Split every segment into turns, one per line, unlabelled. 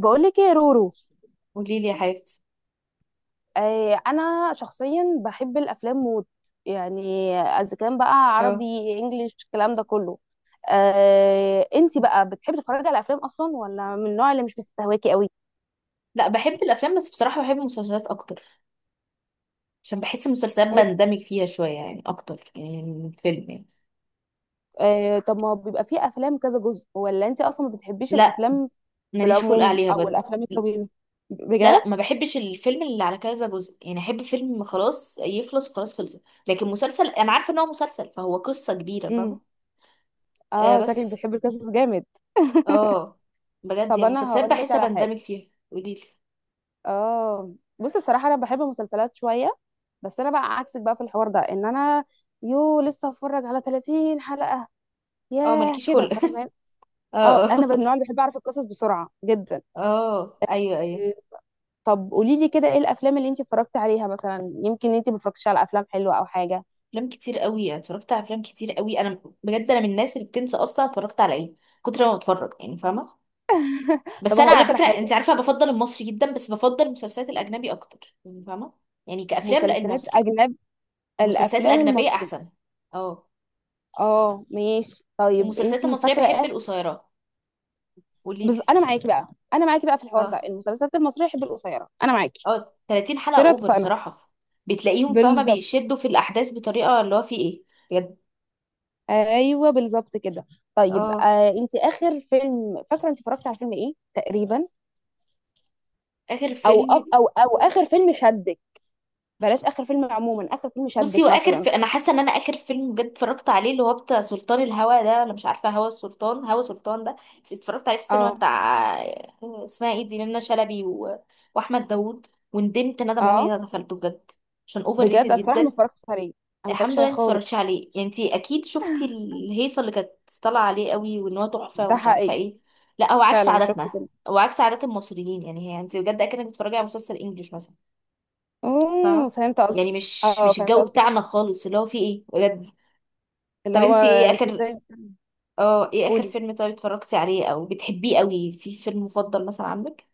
بقولك ايه يا رورو.
قولي لي يا حبيبتي.
آه انا شخصيا بحب الافلام موت، يعني اذا كان بقى عربي،
اه.
انجليش، الكلام ده كله. آه، انتي بقى بتحبي تتفرجي على افلام اصلا، ولا من النوع اللي مش بيستهواكي قوي؟
لا، بحب الافلام بس بصراحه بحب المسلسلات اكتر، عشان بحس المسلسلات
بتحب-
بندمج فيها شويه يعني اكتر يعني من الفيلم يعني.
آه، طب ما بيبقى فيه افلام كذا جزء، ولا انتي اصلا ما بتحبيش
لا
الافلام في
ماليش خلق
العموم،
عليها
او
بجد.
الافلام الطويله؟
لا لا،
بجد؟
ما بحبش الفيلم اللي على كذا جزء، يعني احب فيلم خلاص يخلص وخلاص خلص، لكن مسلسل انا عارفه ان هو مسلسل فهو قصه كبيره فاهمه.
امم
آه
اه، شكلك
بس.
بتحبي القصص جامد.
اه. بجد
طب
يعني
انا
مسلسلات
هقول لك
بحس
على حاجه.
بندمج فيها، قولي لي.
اه، بصي، الصراحه انا بحب المسلسلات شويه، بس انا بقى عكسك بقى في الحوار ده، ان انا يو لسه هتفرج على 30 حلقه،
اه
ياه،
مالكيش
كده
خلق
فاهمه؟
اه
اه،
اه.
انا من النوع اللي بحب اعرف القصص بسرعه جدا.
اه ايوه ايوه.
إيه، طب قولي لي كده، ايه الافلام اللي انت اتفرجتي عليها مثلا؟ يمكن انت ما اتفرجتيش على افلام حلوه او حاجه.
افلام كتير قوي، اتفرجت على افلام كتير قوي، انا بجد انا من الناس اللي بتنسى اصلا اتفرجت على ايه كتر ما بتفرج، يعني فاهمه.
طب
بس انا
هقول
على
لك على
فكره انت
حاجه.
عارفه بفضل المصري جدا، بس بفضل المسلسلات الاجنبي اكتر، يعني فاهمه. يعني كافلام لا،
مسلسلات
المصري
اجنب،
المسلسلات
الافلام
الاجنبيه
المصريه.
احسن. اه.
اه ماشي، طيب انت
والمسلسلات المصريه
فاكره
بحب
ايه؟
القصيره. قوليلي.
انا معاكي بقى، انا معاكي بقى في الحوار ده،
اه
المسلسلات المصريه بحب القصيره، انا معاكي.
اه، 30 حلقه
كده
اوفر
اتفقنا.
بصراحه. بتلاقيهم فاهمه
بالظبط،
بيشدوا في الاحداث بطريقه اللي هو في ايه. بجد.
ايوه بالظبط كده. طيب
اه.
آه، انت اخر فيلم فاكره انت اتفرجتي على فيلم ايه تقريبا؟
اخر
او أو,
فيلم.
او او اخر فيلم شدك؟ بلاش اخر فيلم عموما، اخر فيلم
بصي،
شدك
واخر
مثلا.
انا حاسه ان انا اخر فيلم بجد اتفرجت عليه اللي هو بتاع سلطان الهوى ده، ولا مش عارفه هوى السلطان، هوى سلطان ده؟ اتفرجت عليه في السينما
اه
بتاع اسمها ايه دي، منى شلبي واحمد داوود. وندمت ندم عمري
اه،
ما دخلته بجد، عشان اوفر ريتد
بجد الصراحه ما
جدا.
اتفرجتش عليه انا، ما اتفرجتش
الحمد لله
عليه
انت
خالص.
اتفرجتش عليه، يعني انت اكيد شفتي الهيصه اللي كانت طالعه عليه قوي، وان هو تحفه
ده
ومش عارفه
حقيقي.
ايه. لا، هو عكس
فعلا شفت
عاداتنا،
كده.
هو عكس عادات المصريين، يعني هي انت بجد اكنك بتتفرجي على مسلسل انجليش مثلا.
اوه،
فاهمة.
فهمت قصدك.
يعني مش
اه
مش
فهمت
الجو
قصدك،
بتاعنا خالص اللي هو فيه ايه بجد.
اللي
طب
هو
انتي ايه
انتوا
اخر،
ازاي.
اه ايه اخر
قولي.
فيلم طيب اتفرجتي عليه، او بتحبيه قوي، في فيلم مفضل مثلا عندك؟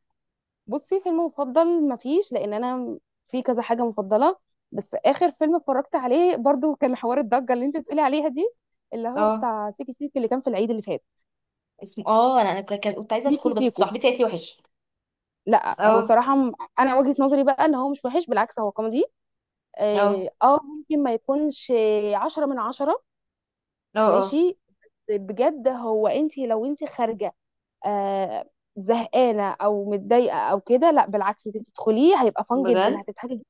بصي، فيلم مفضل مفيش، لان انا في كذا حاجه مفضله، بس اخر فيلم اتفرجت عليه برضو كان حوار الضجه اللي انت بتقولي عليها دي، اللي هو
اه.
بتاع سيكي سيكي اللي كان في العيد اللي فات.
اسمه، انا كنت عايزه
سيكو
ادخله، بس
سيكو.
صاحبتي قالت لي وحش.
لا، هو
اه
صراحه انا وجهه نظري بقى ان هو مش وحش، بالعكس هو كوميدي.
اه
اه، ممكن ما يكونش عشرة من عشرة.
اه اه،
ماشي. بجد هو، انت لو انت خارجه، آه، زهقانه او متضايقه او كده، لا بالعكس انت تدخليه، هيبقى فان جدا،
بجد.
هتضحكي.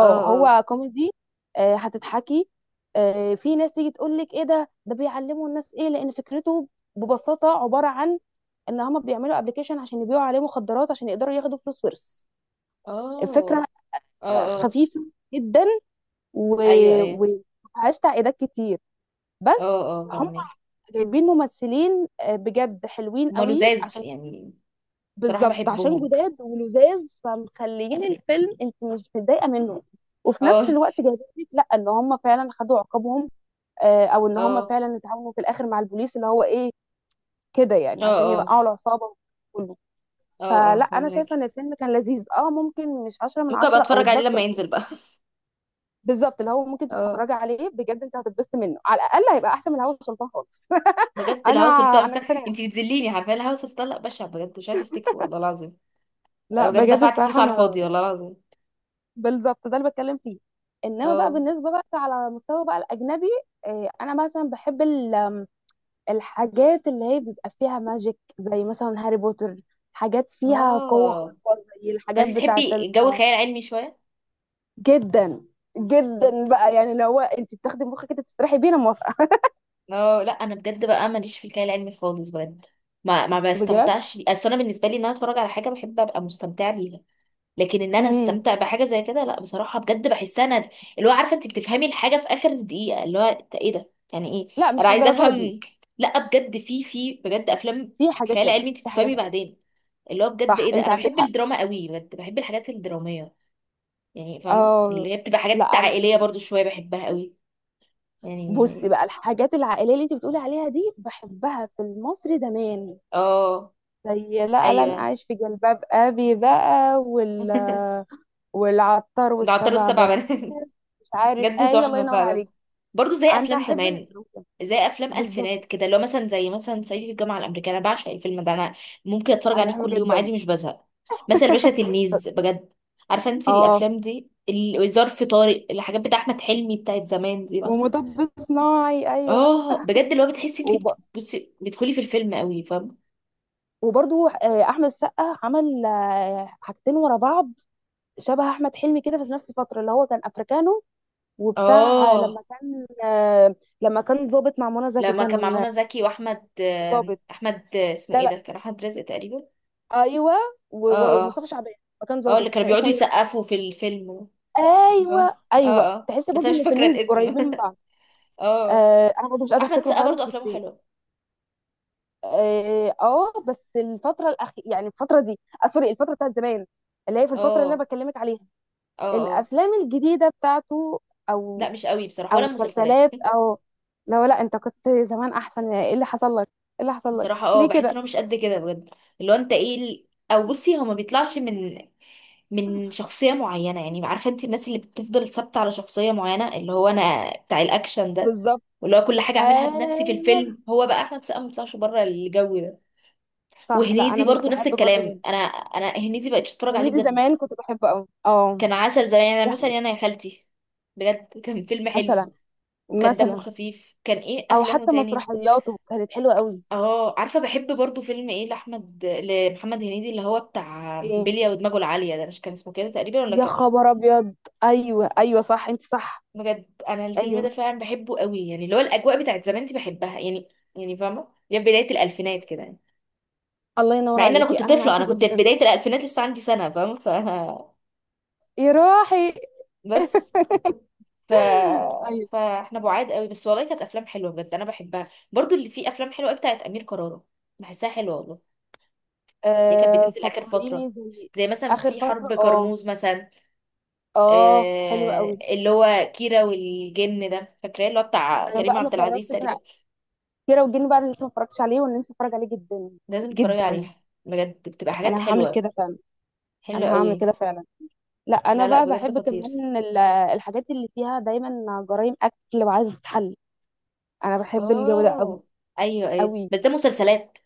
اه اه
هو كوميدي. هتضحكي. في ناس تيجي تقول لك ايه ده، ده بيعلموا الناس ايه، لان فكرته ببساطه عباره عن ان هم بيعملوا ابلكيشن عشان يبيعوا عليه مخدرات عشان يقدروا ياخدوا فلوس ورث.
اه
الفكره
اه اه،
خفيفه جدا،
ايوه ايوه.
ومفيهاش تعقيدات كتير.
اه
بس
اه
هم
فاهمك.
جايبين ممثلين، بجد حلوين
هما
قوي،
لزاز
عشان
يعني. بصراحه
بالظبط عشان
بحبهم.
جداد ولذاذ، فمخليين الفيلم انت مش متضايقه منه. وفي نفس
اه
الوقت جايبين لك لا ان هم فعلا خدوا عقابهم، او ان هم
اه
فعلا اتعاونوا في الاخر مع البوليس اللي هو ايه، كده يعني،
اه
عشان
اه
يوقعوا العصابه كله.
اه
فلا،
اه
انا
فاهمك.
شايفه ان الفيلم كان لذيذ. اه ممكن مش 10 من
ممكن ابقى
10 او
اتفرج عليه
الدق،
لما ينزل بقى.
بالظبط اللي هو ممكن
اه
تتفرجي عليه بجد، انت هتتبسط منه على الاقل، هيبقى احسن من الهوا سلطان خالص.
بجد،
انا،
الهوا سلطان
انا مقتنعه.
انت بتذليني، عارفه الهوا سلطان، لا، بشع بجد، مش عايزه افتكره والله العظيم. أنا
لا
بجد
بجد
دفعت فلوس
الصراحه
على الفاضي
انا،
والله العظيم.
بالظبط ده اللي بتكلم فيه. انما بقى
اه
بالنسبه بقى، على مستوى بقى الاجنبي، انا مثلا بحب الحاجات اللي هي بيبقى فيها ماجيك، زي مثلا هاري بوتر، حاجات فيها قوه
اه.
خارقه، زي
فانت
الحاجات بتاعت ال...
تحبي جو خيال علمي شويه؟
جدا،
بجد.
جدا بقى يعني، اللي هو انت بتاخدي مخك كده تسرحي بيه، انا موافقه.
اه، لا انا بجد بقى ماليش في الخيال العلمي خالص بجد. ما
بجد.
بستمتعش بيه، اصل انا بالنسبه لي ان انا اتفرج على حاجه بحب ابقى مستمتعه بيها. لكن ان انا
امم
استمتع بحاجه زي كده، لا بصراحه بجد بحسها ند. اللي هو عارفه انت بتفهمي الحاجه في اخر دقيقه، اللي هو إنت ايه ده، يعني ايه؟
لا،
انا
مش
عايزه
للدرجه دي.
افهم. لا بجد، في بجد افلام
في حاجات
خيال علمي
كده،
انت
في حاجات
بتفهمي
كده.
بعدين. اللي هو بجد
صح،
ايه ده.
انت
انا
عندك
بحب
حق.
الدراما قوي بجد، بحب الحاجات الدراميه. يعني فاهمه
اه
اللي هي بتبقى حاجات
لا
عائليه برضو شويه بحبها قوي،
بصي
يعني.
بقى الحاجات العائليه اللي انت بتقولي عليها دي، بحبها في المصري زمان،
اه
زي لا لن
ايوه
اعيش في جلباب ابي بقى، وال... والعطار،
جعلتله
والسبع
السبع
بنات.
بنات.
مش عارف،
جد
ايوه، الله
تحفة
ينور
فعلا.
عليك.
برضو زي
انا
أفلام
احب
زمان،
الدراما.
زي أفلام
بالظبط،
ألفينات كده، لو مثلا زي مثلا صعيدي في الجامعة الأمريكية، أنا بعشق الفيلم ده، أنا ممكن أتفرج
انا
عليه
بحبه
كل يوم
جدا.
عادي مش بزهق. مثلا الباشا تلميذ بجد، عارفة أنت
اه،
الأفلام دي، ظرف طارق، الحاجات بتاع أحمد حلمي بتاعت زمان دي مثلا.
ومطب صناعي، ايوه.
اه بجد، اللي هو بتحسي أنت
وب...
بصي بتدخلي في الفيلم قوي فاهم.
وبرضو احمد السقا عمل حاجتين ورا بعض شبه احمد حلمي كده في نفس الفتره، اللي هو كان افريكانو، وبتاع لما
اه،
كان لما كان ظابط مع منى زكي،
لما كان مع
كان
منى زكي، وأحمد
ظابط.
أحمد اسمه
لا
إيه
لا
ده، كان أحمد رزق تقريبا.
ايوه
اه اه
ومصطفى شعبان. ما كان
اه، اللي
ظابط،
كانوا
كان
بيقعدوا
اسمه ايه؟
يسقفوا في الفيلم. اه
ايوه
اه،
ايوه،
آه،
تحس
بس
برضه
انا
ان
مش فاكره
الفيلمين
الاسم
قريبين من بعض.
اه.
آه، انا برضه مش قادره
احمد
افتكره
السقا برضو
خالص،
افلامه
بس
حلوه.
اه، بس الفتره الاخيره، يعني الفتره دي، آه سوري، الفتره بتاعت زمان، اللي هي في الفتره اللي انا
اه
بكلمك عليها،
اه اه،
الافلام الجديده بتاعته، او،
لا مش قوي بصراحه، ولا
او
المسلسلات.
مسلسلات، او لو، لا انت كنت زمان احسن، ايه اللي حصل لك، ايه اللي حصل لك
بصراحه اه،
ليه
بحس
كده؟
انه مش قد كده بجد، اللي هو انت ايه او بصي، هو ما بيطلعش من شخصيه معينه، يعني عارفه انت الناس اللي بتفضل ثابته على شخصيه معينه، اللي هو انا بتاع الاكشن ده،
بالظبط.
واللي هو كل حاجه اعملها بنفسي في
ايوه
الفيلم، هو بقى احمد السقا ما بيطلعش بره الجو ده.
صح، لا انا
وهنيدي
مش
برضو نفس
بحب برضه ده.
الكلام، انا هنيدي بقتش اتفرج عليه
هنيدي
بجد.
زمان كنت بحبه قوي، اه.
كان عسل زمان، يعني
ده
مثلا انا يا خالتي بجد كان فيلم حلو،
مثلا.
وكان دمه
مثلا،
خفيف، كان ايه
او
افلامه
حتى
تاني.
مسرحياته كانت حلوه قوي.
اه، عارفه بحب برضو فيلم ايه لاحمد، لمحمد هنيدي اللي هو بتاع
ايه؟
بلية ودماغه العاليه ده، مش كان اسمه كده تقريبا ولا
يا
كان؟
خبر ابيض، ايوه ايوه صح، انت صح.
بجد انا الفيلم ده
ايوه.
فعلا بحبه قوي، يعني اللي هو الاجواء بتاعت زمان دي بحبها يعني. يعني فاهمه يا بدايه الالفينات كده يعني.
الله ينور
مع ان انا
عليكي،
كنت
انا
طفله،
معاكي
انا كنت في
جدا.
بدايه الالفينات لسه عندي سنه فاهمه، ف
يا روحي.
بس ف...
ايوه.
فاحنا بعاد قوي، بس والله كانت افلام حلوه بجد، انا بحبها، برضو اللي فيه افلام حلوه قوي بتاعت امير كرارة، بحسها حلوه والله، اللي كانت
آه
بتنزل اخر
فكريني،
فتره،
زي
زي مثلا
اخر
في
فتره.
حرب
اه
كرموز مثلا.
اه، حلو قوي.
اللي هو كيرة والجن ده، فاكراه، اللي هو بتاع
انا
كريم
بقى ما
عبد العزيز
اتفرجتش على
تقريبا.
كيرة والجن بقى، انا لسه ما اتفرجتش عليه، وانا نفسي اتفرج عليه جدا.
لازم تتفرجي
جدا،
عليها بجد، بتبقى حاجات
انا هعمل
حلوه،
كده فعلا.
حلوه
انا هعمل
قوي.
كده فعلا. لا انا
لا لا،
بقى
بجد
بحب
خطير.
كمان الحاجات اللي فيها دايما جرائم اكل وعايزه تتحل، انا بحب الجو ده قوي.
اه ايوه ايوه،
قوي.
بس ده مسلسلات،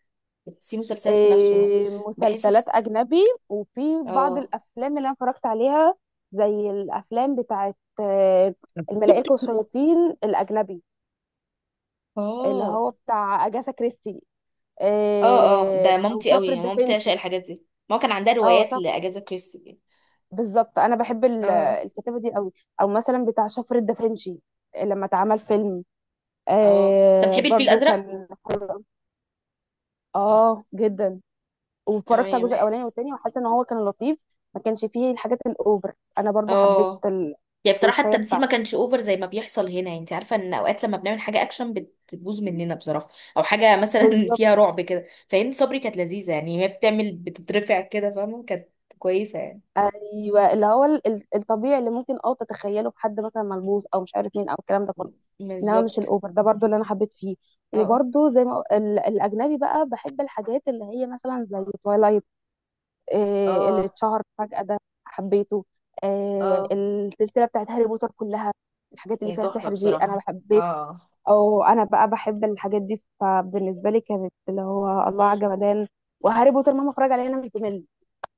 بس في مسلسلات في نفسه
مسلسلات
بحس.
أجنبي، وفي بعض
اه
الأفلام اللي أنا اتفرجت عليها، زي الأفلام بتاعت الملائكة والشياطين، الأجنبي، اللي
اه
هو بتاع أجاثا كريستي،
اه اه، ده
أو
مامتي
شفرة
قوي، مامتي
دافنشي.
عشان الحاجات دي ما كان عندها
اه
روايات
شفرة،
لاجازا كريستي كده.
بالظبط. أنا بحب
اه
الكتابة دي قوي. أو مثلا بتاع شفرة دافنشي لما اتعمل فيلم،
اه. طب
آه
بتحبي الفيل
برضو
الازرق؟
كان، اه جدا،
اه
واتفرجت على
يا
الجزء الاولاني والتاني، وحاسه ان هو كان لطيف، ما كانش فيه الحاجات الاوفر. انا برضو حبيت
اه، يعني بصراحه
التويستايه
التمثيل ما
بتاعته.
كانش اوفر زي ما بيحصل هنا، انت عارفه ان اوقات لما بنعمل حاجه اكشن بتبوظ مننا بصراحه، او حاجه مثلا
بالظبط.
فيها رعب كده، فهند صبري كانت لذيذه، يعني هي بتعمل بتترفع كده فاهمه، كانت كويسه يعني.
ايوه، اللي هو الطبيعي اللي ممكن اه تتخيله في حد مثلا ملبوس، او مش عارف مين، او الكلام ده
م-
كله، انما مش
بالظبط.
الاوفر ده، برضو اللي انا حبيت فيه.
اه
وبرضو زي ما الاجنبي بقى، بحب الحاجات اللي هي مثلا زي تويلايت، اللي
اه
اتشهر فجأة ده، حبيته.
اه،
السلسله بتاعت هاري بوتر كلها، الحاجات اللي
هي
فيها
تحفه
سحر دي انا
بصراحه.
بحب.
اه.
او انا بقى بحب الحاجات دي، فبالنسبه لي كانت اللي هو الله على جمدان. وهاري بوتر مهما اتفرج عليه انا مش بمل،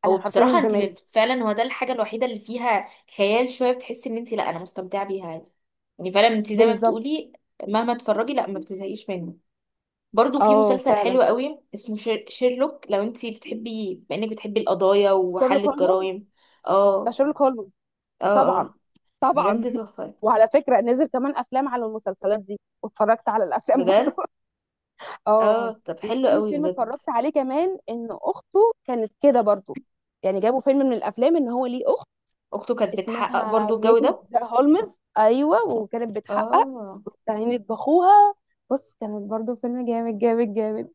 انا
هو
حرفيا مش
بصراحة انت
بمل.
فعلا، هو ده الحاجة الوحيدة اللي فيها خيال شوية، بتحسي ان انت لا، انا مستمتعة بيها عادي. يعني فعلا انت زي ما
بالظبط.
بتقولي، مهما تتفرجي لا ما بتزهقيش منه. برضو في
اه
مسلسل
فعلا،
حلو قوي اسمه شيرلوك، لو انت بتحبي، بما انك بتحبي القضايا وحل
شيرلوك هولمز.
الجرائم.
ده
اه
شيرلوك هولمز.
اه
طبعا.
اه،
طبعا.
بجد تحفة،
وعلى فكره نزل كمان افلام على المسلسلات دي، واتفرجت على الافلام
بجد.
برضه.
اه
اه.
طب حلو
وفي
قوي
فيلم
بجد.
اتفرجت عليه كمان ان اخته كانت كده برضه، يعني جابوا فيلم من الافلام ان هو ليه اخت،
اخته كانت بتحقق
اسمها
برضو الجو
ميسيس
ده.
هولمز، ايوه، وكانت بتحقق
اه
واستعينت باخوها. بص، كانت برضو فيلم جامد جامد جامد.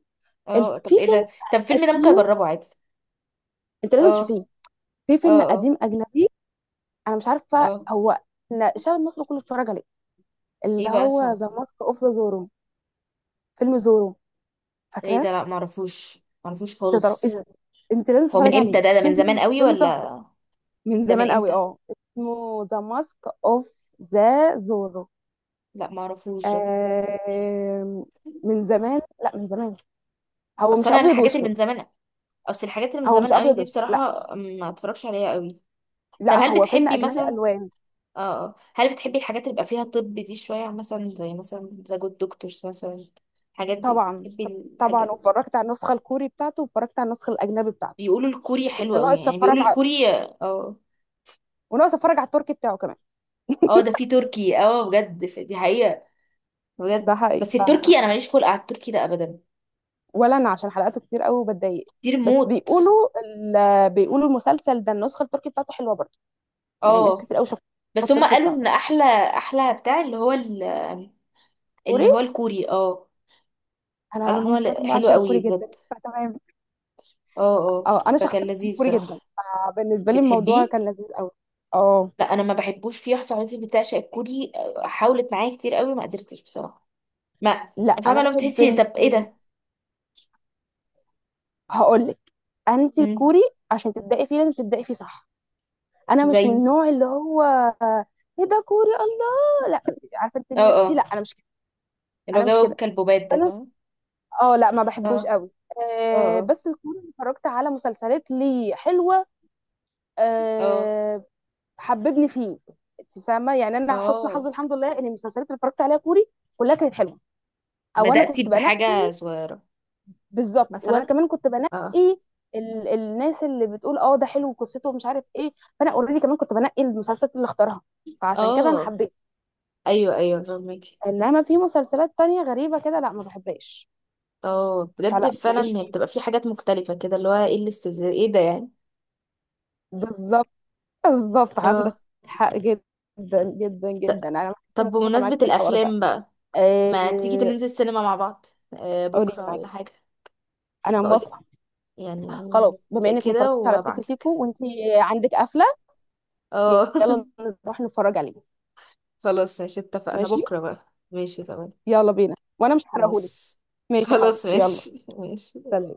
اه، طب
في
ايه
فيلم
ده، طب الفيلم ده ممكن
قديم،
اجربه عادي.
انت لازم
اه
تشوفيه، في
اه
فيلم
اه
قديم اجنبي، انا مش عارفه
اه.
هو إحنا الشعب المصري كله اتفرج عليه، اللي
ايه بقى
هو
اسمه؟
ذا ماسك اوف ذا زورو. فيلم زورو،
ايه
فاكراه؟
ده، لا معرفوش، معرفوش
انت بتعرف ايه
خالص.
ده؟ انت لازم
هو من
تتفرج
امتى
عليه،
ده، ده من زمان
فيلم،
قوي
فيلم تحفه.
ولا؟
من
ده من
زمان قوي،
امتى؟
اه، اسمه ذا ماسك اوف ذا زورو.
لا معرفوش ده.
آه. من زمان، لا من زمان. هو
اصل
مش
انا
ابيض
الحاجات اللي
واسود؟
من زمان، اصل الحاجات اللي من
هو مش
زمان قوي
ابيض
دي
واسود، لا
بصراحة ما اتفرجش عليها قوي. طب
لا،
هل
هو فيلم
بتحبي
اجنبي
مثلا،
الوان.
اه آه، هل بتحبي الحاجات اللي بيبقى فيها طب دي شوية، مثلا زي مثلا ذا جود دكتورز مثلا؟ الحاجات دي
طبعا.
بتحبي؟
طبعا،
الحاجات.
واتفرجت على النسخه الكوري بتاعته، واتفرجت على النسخه الاجنبي بتاعته.
بيقولوا الكوري
وكنت
حلو قوي،
ناقص
يعني
اتفرج
بيقولوا
على،
الكوري، اه.
وناقص اتفرج على التركي بتاعه كمان.
اه ده في تركي، اه بجد دي حقيقة.
ده
بجد
حقيقي،
بس
ف...
التركي انا ماليش خلق على التركي ده ابدا.
ولا انا عشان حلقاته كتير قوي وبتضايق.
كتير
بس
موت.
بيقولوا ال...، بيقولوا المسلسل ده النسخه التركي بتاعته حلوه برضه، يعني ناس
اه
كتير قوي شافت
بس هم
التركي
قالوا
بتاعته.
ان احلى، احلى بتاع اللي هو
كوري.
اللي هو الكوري اه.
انا
قالوا ان هو
هم
حلو
بعشق
قوي
الكوري
بجد.
جدا، فتمام.
اه اه.
اه انا
فكان
شخصيا بحب
لذيذ
كوري جدا.
بصراحة.
فبالنسبه لي الموضوع
بتحبيه.
كان لذيذ قوي. اه.
لا انا ما بحبوش، في واحده صاحبتي بتعشق الكوري حاولت معايا كتير قوي ما قدرتش بصراحة، ما
لا، انا
فاهمة لو
بحب
بتحسي طب ايه
ال...
ده.
هقول لك. انت
مم.
الكوري عشان تبداي فيه، لازم تبداي فيه صح. انا مش من
زي،
النوع اللي هو ايه ده كوري، الله لا. عارفه انت
اه
الناس دي؟ لا،
اه
انا مش كده.
اللي هو
انا مش
جو
كده
كلبوبات ده
انا
فاهمة.
اه لا، ما
اه
بحبوش قوي.
اه
أه،
اه
بس الكوري اللي اتفرجت على مسلسلات ليه حلوه.
اه
أه، حببني فيه. انت فاهمه يعني، انا حسن حظي
اه،
الحمد لله ان المسلسلات اللي اتفرجت عليها كوري كلها كانت حلوه، او انا
بدأتي
كنت
بحاجة
بنقي.
صغيرة
بالظبط، وانا
مثلا.
كمان كنت
اه
بنقي ال...، الناس اللي بتقول اه ده حلو، قصته ومش عارف ايه، فانا اوريدي كمان كنت بنقي المسلسلات اللي اختارها، فعشان كده انا
اه
حبيت.
ايوه ايوه فاهمك.
انما في مسلسلات تانية غريبة كده، لا ما بحبهاش،
اه بجد
فلا ماليش
فعلا، هي
فيه
بتبقى
بقى.
في حاجات مختلفة كده، اللي هو ايه الاستفزاز ايه ده يعني.
بالظبط. بالظبط، عندك
اه
حق جدا جدا
ط-
جدا، انا
طب
متفقة معاك
بمناسبة
في الحوار ده.
الأفلام بقى، ما تيجي
آه...
ننزل السينما مع بعض؟ آه،
قولي لي،
بكرة
معاك،
ولا حاجة؟
انا
بقولك
موافقة.
يعني
خلاص، بما
نتفق
انك ما
كده
اتفرجتش على سيكو
وابعتلك.
سيكو، وانت عندك قفلة،
اه
يلا نروح نتفرج عليه.
خلاص ماشي، اتفقنا
ماشي.
بكرة بقى. ماشي تمام.
يلا بينا، وانا مش هحرقهولك.
ماشي.
ماشي يا
خلاص
حبيبتي، يلا.
ماشي ماشي.
سلام.